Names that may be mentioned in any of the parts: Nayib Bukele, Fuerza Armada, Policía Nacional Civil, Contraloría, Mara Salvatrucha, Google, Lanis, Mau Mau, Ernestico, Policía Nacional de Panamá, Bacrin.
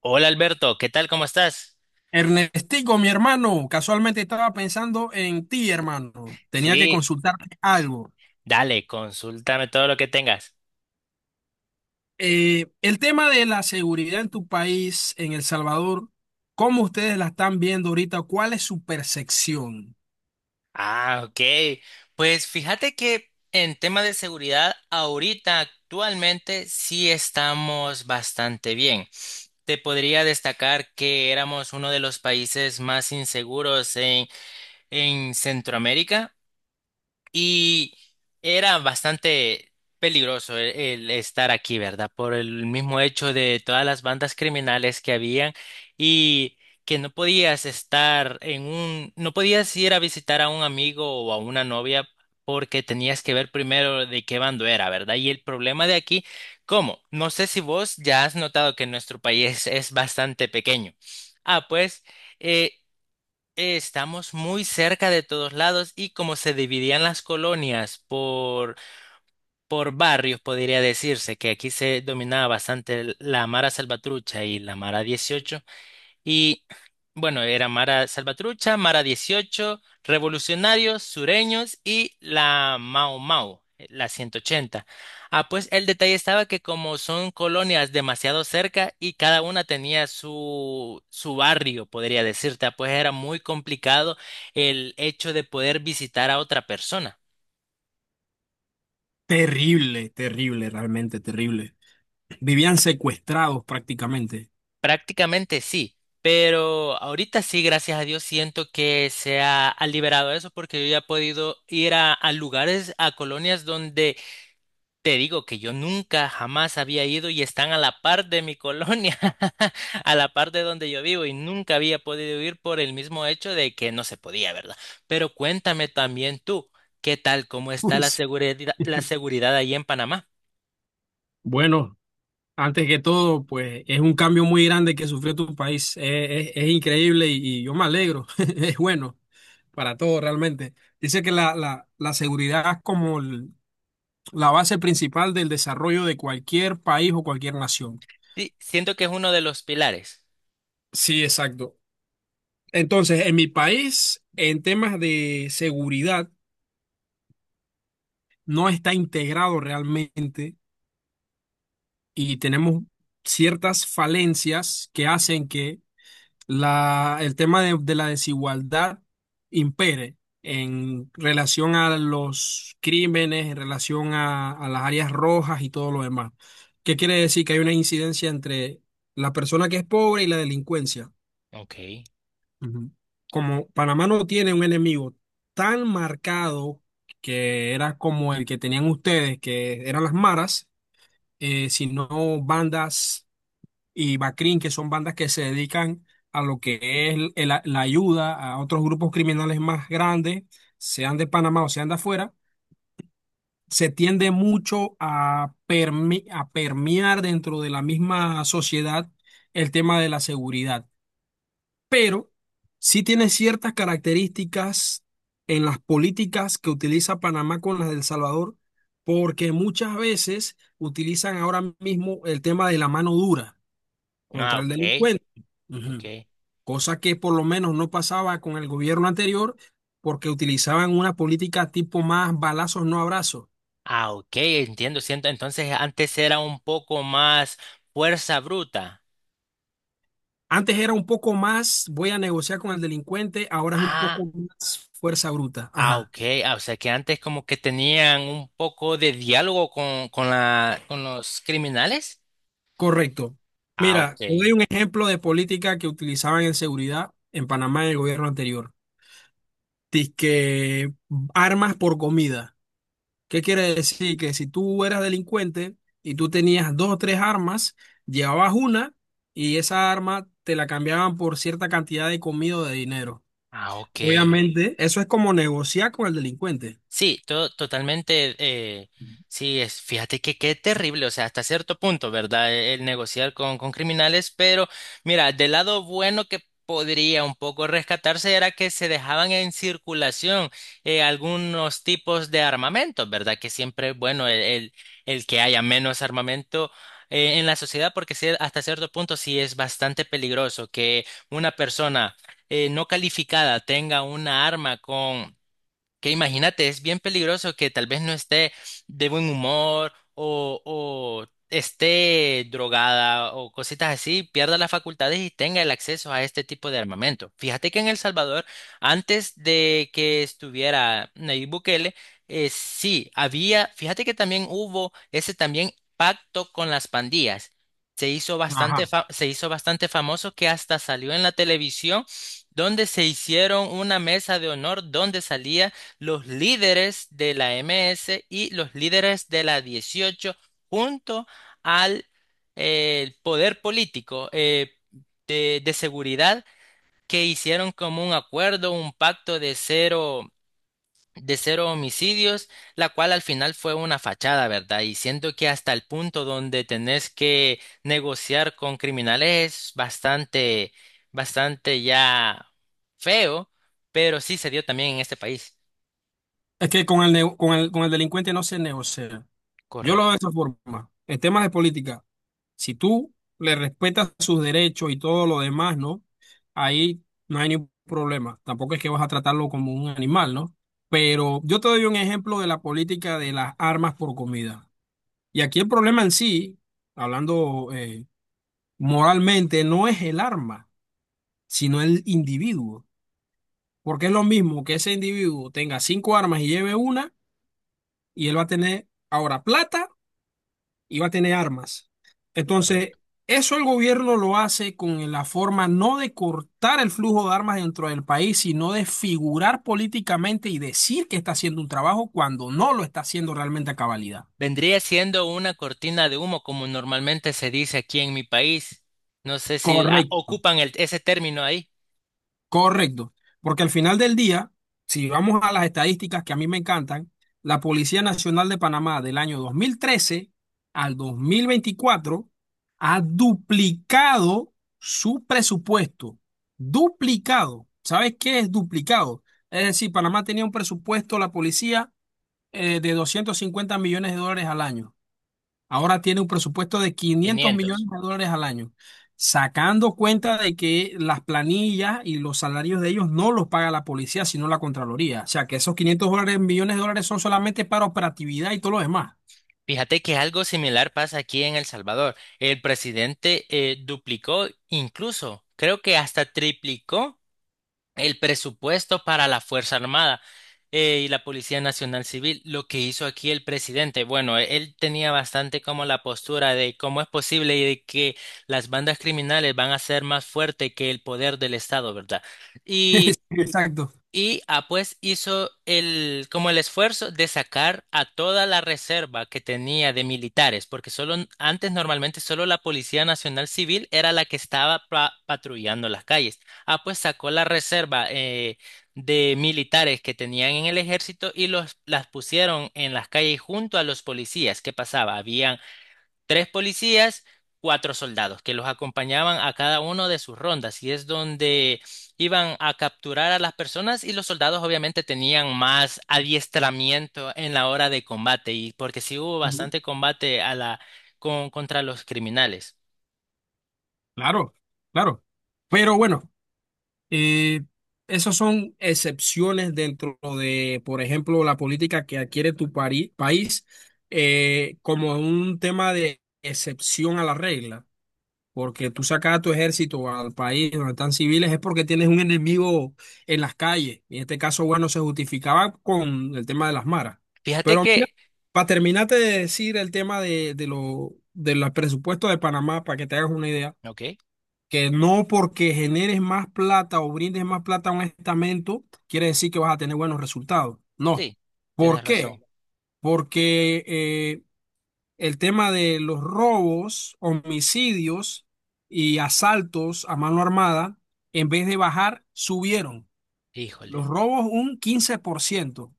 Hola Alberto, ¿qué tal? ¿Cómo estás? Ernestico, mi hermano, casualmente estaba pensando en ti, hermano. Tenía que Sí, consultarte algo. dale, consúltame todo lo que tengas. El tema de la seguridad en tu país, en El Salvador, ¿cómo ustedes la están viendo ahorita? ¿Cuál es su percepción? Ah, ok. Pues fíjate que en tema de seguridad, ahorita actualmente sí estamos bastante bien. Te podría destacar que éramos uno de los países más inseguros en Centroamérica. Y era bastante peligroso el estar aquí, ¿verdad? Por el mismo hecho de todas las bandas criminales que habían y que no podías estar no podías ir a visitar a un amigo o a una novia porque tenías que ver primero de qué bando era, ¿verdad? Y el problema de aquí, ¿cómo? No sé si vos ya has notado que nuestro país es bastante pequeño. Ah, pues, eh, estamos muy cerca de todos lados y como se dividían las colonias por barrios, podría decirse que aquí se dominaba bastante la Mara Salvatrucha y la Mara 18, y bueno, era Mara Salvatrucha, Mara 18 Revolucionarios, Sureños y la Mau Mau, la 180. Ah, pues el detalle estaba que como son colonias demasiado cerca y cada una tenía su barrio, podría decirte, ah, pues era muy complicado el hecho de poder visitar a otra persona. Terrible, terrible, realmente terrible. Vivían secuestrados prácticamente. Prácticamente sí, pero ahorita sí, gracias a Dios, siento que se ha liberado eso porque yo ya he podido ir a lugares, a colonias donde te digo que yo nunca, jamás había ido y están a la par de mi colonia, a la par de donde yo vivo y nunca había podido ir por el mismo hecho de que no se podía, ¿verdad? Pero cuéntame también tú, ¿qué tal? ¿Cómo está la seguridad, la seguridad ahí en Panamá? Bueno, antes que todo, pues es un cambio muy grande que sufrió tu país. Es increíble y yo me alegro. Es bueno para todo realmente. Dice que la seguridad es como la base principal del desarrollo de cualquier país o cualquier nación. Sí, siento que es uno de los pilares. Sí, exacto. Entonces, en mi país, en temas de seguridad, no está integrado realmente y tenemos ciertas falencias que hacen que el tema de la desigualdad impere en relación a los crímenes, en relación a las áreas rojas y todo lo demás. ¿Qué quiere decir? Que hay una incidencia entre la persona que es pobre y la delincuencia. Ok. Ujú. Como Panamá no tiene un enemigo tan marcado que era como el que tenían ustedes, que eran las maras, sino bandas y Bacrin, que son bandas que se dedican a lo que es la ayuda a otros grupos criminales más grandes, sean de Panamá o sean de afuera, se tiende mucho a, a permear dentro de la misma sociedad el tema de la seguridad. Pero sí tiene ciertas características en las políticas que utiliza Panamá con las del Salvador, porque muchas veces utilizan ahora mismo el tema de la mano dura Ah, contra el ok. delincuente. Ujú. Ok. Cosa que por lo menos no pasaba con el gobierno anterior porque utilizaban una política tipo más balazos, no abrazos. Ah, ok, entiendo, siento. Entonces antes era un poco más fuerza bruta. Antes era un poco más, voy a negociar con el delincuente, ahora es un Ah, poco más fuerza bruta. ah, Ajá, ok. Ah, o sea que antes como que tenían un poco de diálogo con los criminales. correcto. Ah, ok. Mira, te doy un ejemplo de política que utilizaban en seguridad en Panamá en el gobierno anterior. Dice armas por comida. ¿Qué quiere decir? Que si tú eras delincuente y tú tenías dos o tres armas, llevabas una y esa arma te la cambiaban por cierta cantidad de comida o de dinero. Ah, ok. Obviamente, eso es como negociar con el delincuente. Sí, totalmente. Sí, fíjate que qué terrible, o sea, hasta cierto punto, ¿verdad? El negociar con criminales, pero mira, del lado bueno que podría un poco rescatarse era que se dejaban en circulación algunos tipos de armamentos, ¿verdad? Que siempre es bueno el que haya menos armamento en la sociedad, porque sí, hasta cierto punto sí es bastante peligroso que una persona no calificada tenga una arma con que imagínate, es bien peligroso que tal vez no esté de buen humor o esté drogada o cositas así, pierda las facultades y tenga el acceso a este tipo de armamento. Fíjate que en El Salvador, antes de que estuviera Nayib Bukele, sí, fíjate que también hubo ese también pacto con las pandillas. Ajá. Se hizo bastante famoso que hasta salió en la televisión donde se hicieron una mesa de honor donde salía los líderes de la MS y los líderes de la 18 junto al poder político, de seguridad, que hicieron como un acuerdo, un pacto de cero, homicidios, la cual al final fue una fachada, ¿verdad? Y siento que hasta el punto donde tenés que negociar con criminales es bastante, bastante ya feo, pero sí se dio también en este país. Es que con el, nego- con el delincuente no se negocia. Yo lo veo Correcto. de esa forma. En temas de política, si tú le respetas sus derechos y todo lo demás, ¿no? Ahí no hay ningún problema. Tampoco es que vas a tratarlo como un animal, ¿no? Pero yo te doy un ejemplo de la política de las armas por comida. Y aquí el problema en sí, hablando moralmente, no es el arma, sino el individuo. Porque es lo mismo que ese individuo tenga cinco armas y lleve una, y él va a tener ahora plata y va a tener armas. Entonces, eso el gobierno lo hace con la forma no de cortar el flujo de armas dentro del país, sino de figurar políticamente y decir que está haciendo un trabajo cuando no lo está haciendo realmente a cabalidad. Vendría siendo una cortina de humo, como normalmente se dice aquí en mi país. No sé si Correcto. ocupan ese término ahí. Correcto, porque al final del día, si vamos a las estadísticas que a mí me encantan, la Policía Nacional de Panamá del año 2013 al 2024 ha duplicado su presupuesto. Duplicado. ¿Sabes qué es duplicado? Es decir, Panamá tenía un presupuesto, la policía, de 250 millones de dólares al año. Ahora tiene un presupuesto de quinientos 500. millones de dólares al año, sacando cuenta de que las planillas y los salarios de ellos no los paga la policía, sino la Contraloría. O sea, que esos 500 dólares, millones de dólares son solamente para operatividad y todo lo demás. Fíjate que algo similar pasa aquí en El Salvador. El presidente duplicó, incluso creo que hasta triplicó el presupuesto para la Fuerza Armada y la Policía Nacional Civil. Lo que hizo aquí el presidente, bueno, él tenía bastante como la postura de cómo es posible y de que las bandas criminales van a ser más fuertes que el poder del Estado, ¿verdad? Sí, exacto. Y pues hizo como el esfuerzo de sacar a toda la reserva que tenía de militares, porque solo antes normalmente solo la Policía Nacional Civil era la que estaba patrullando las calles. Ah, pues sacó la reserva de militares que tenían en el ejército y los las pusieron en las calles junto a los policías. ¿Qué pasaba? Habían tres policías, cuatro soldados que los acompañaban a cada uno de sus rondas y es donde iban a capturar a las personas, y los soldados obviamente tenían más adiestramiento en la hora de combate, y porque sí hubo Ujú. bastante combate a la con contra los criminales. Claro, claro. Pero bueno, eh, esas son excepciones dentro de, por ejemplo, la política que adquiere tu país como un tema de excepción a la regla. Porque tú sacas a tu ejército al país donde están civiles es porque tienes un enemigo en las calles. Y en este caso, bueno, se justificaba con el tema de las maras. Fíjate Pero mira, que, para terminarte de decir el tema de los presupuestos de Panamá, para que te hagas una idea, ok, que no porque generes más plata o brindes más plata a un estamento, quiere decir que vas a tener buenos resultados. No. sí, ¿Por tienes razón. qué? Porque el tema de los robos, homicidios y asaltos a mano armada, en vez de bajar, subieron. Los Híjole, robos un 15%.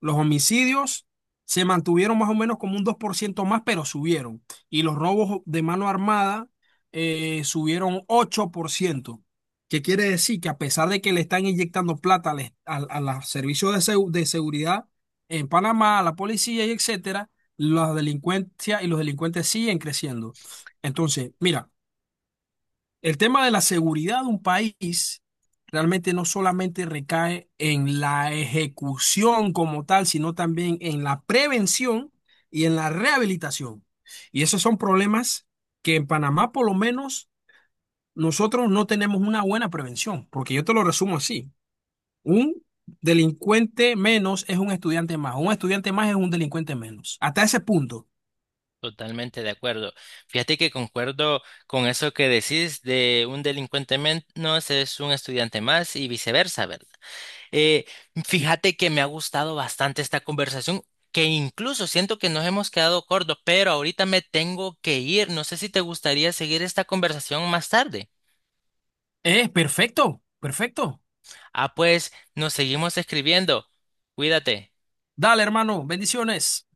Los homicidios se mantuvieron más o menos como un 2% más, pero subieron. Y los robos de mano armada subieron 8%. ¿Qué quiere decir? Que a pesar de que le están inyectando plata a los servicios de seguridad en Panamá, a la policía y etcétera, la delincuencia y los delincuentes siguen creciendo. Entonces, mira. El tema de la seguridad de un país realmente no solamente recae en la ejecución como tal, sino también en la prevención y en la rehabilitación. Y esos son problemas que en Panamá, por lo menos, nosotros no tenemos una buena prevención, porque yo te lo resumo así. Un delincuente menos es un estudiante más es un delincuente menos. Hasta ese punto. totalmente de acuerdo. Fíjate que concuerdo con eso que decís de un delincuente menos es un estudiante más y viceversa, ¿verdad? Eh, Fíjate que me ha gustado bastante esta conversación, que incluso siento que nos hemos quedado cortos, pero ahorita me tengo que ir. No sé si te gustaría seguir esta conversación más tarde. Es perfecto, perfecto. Ah, pues nos seguimos escribiendo. Cuídate. Dale, hermano, bendiciones.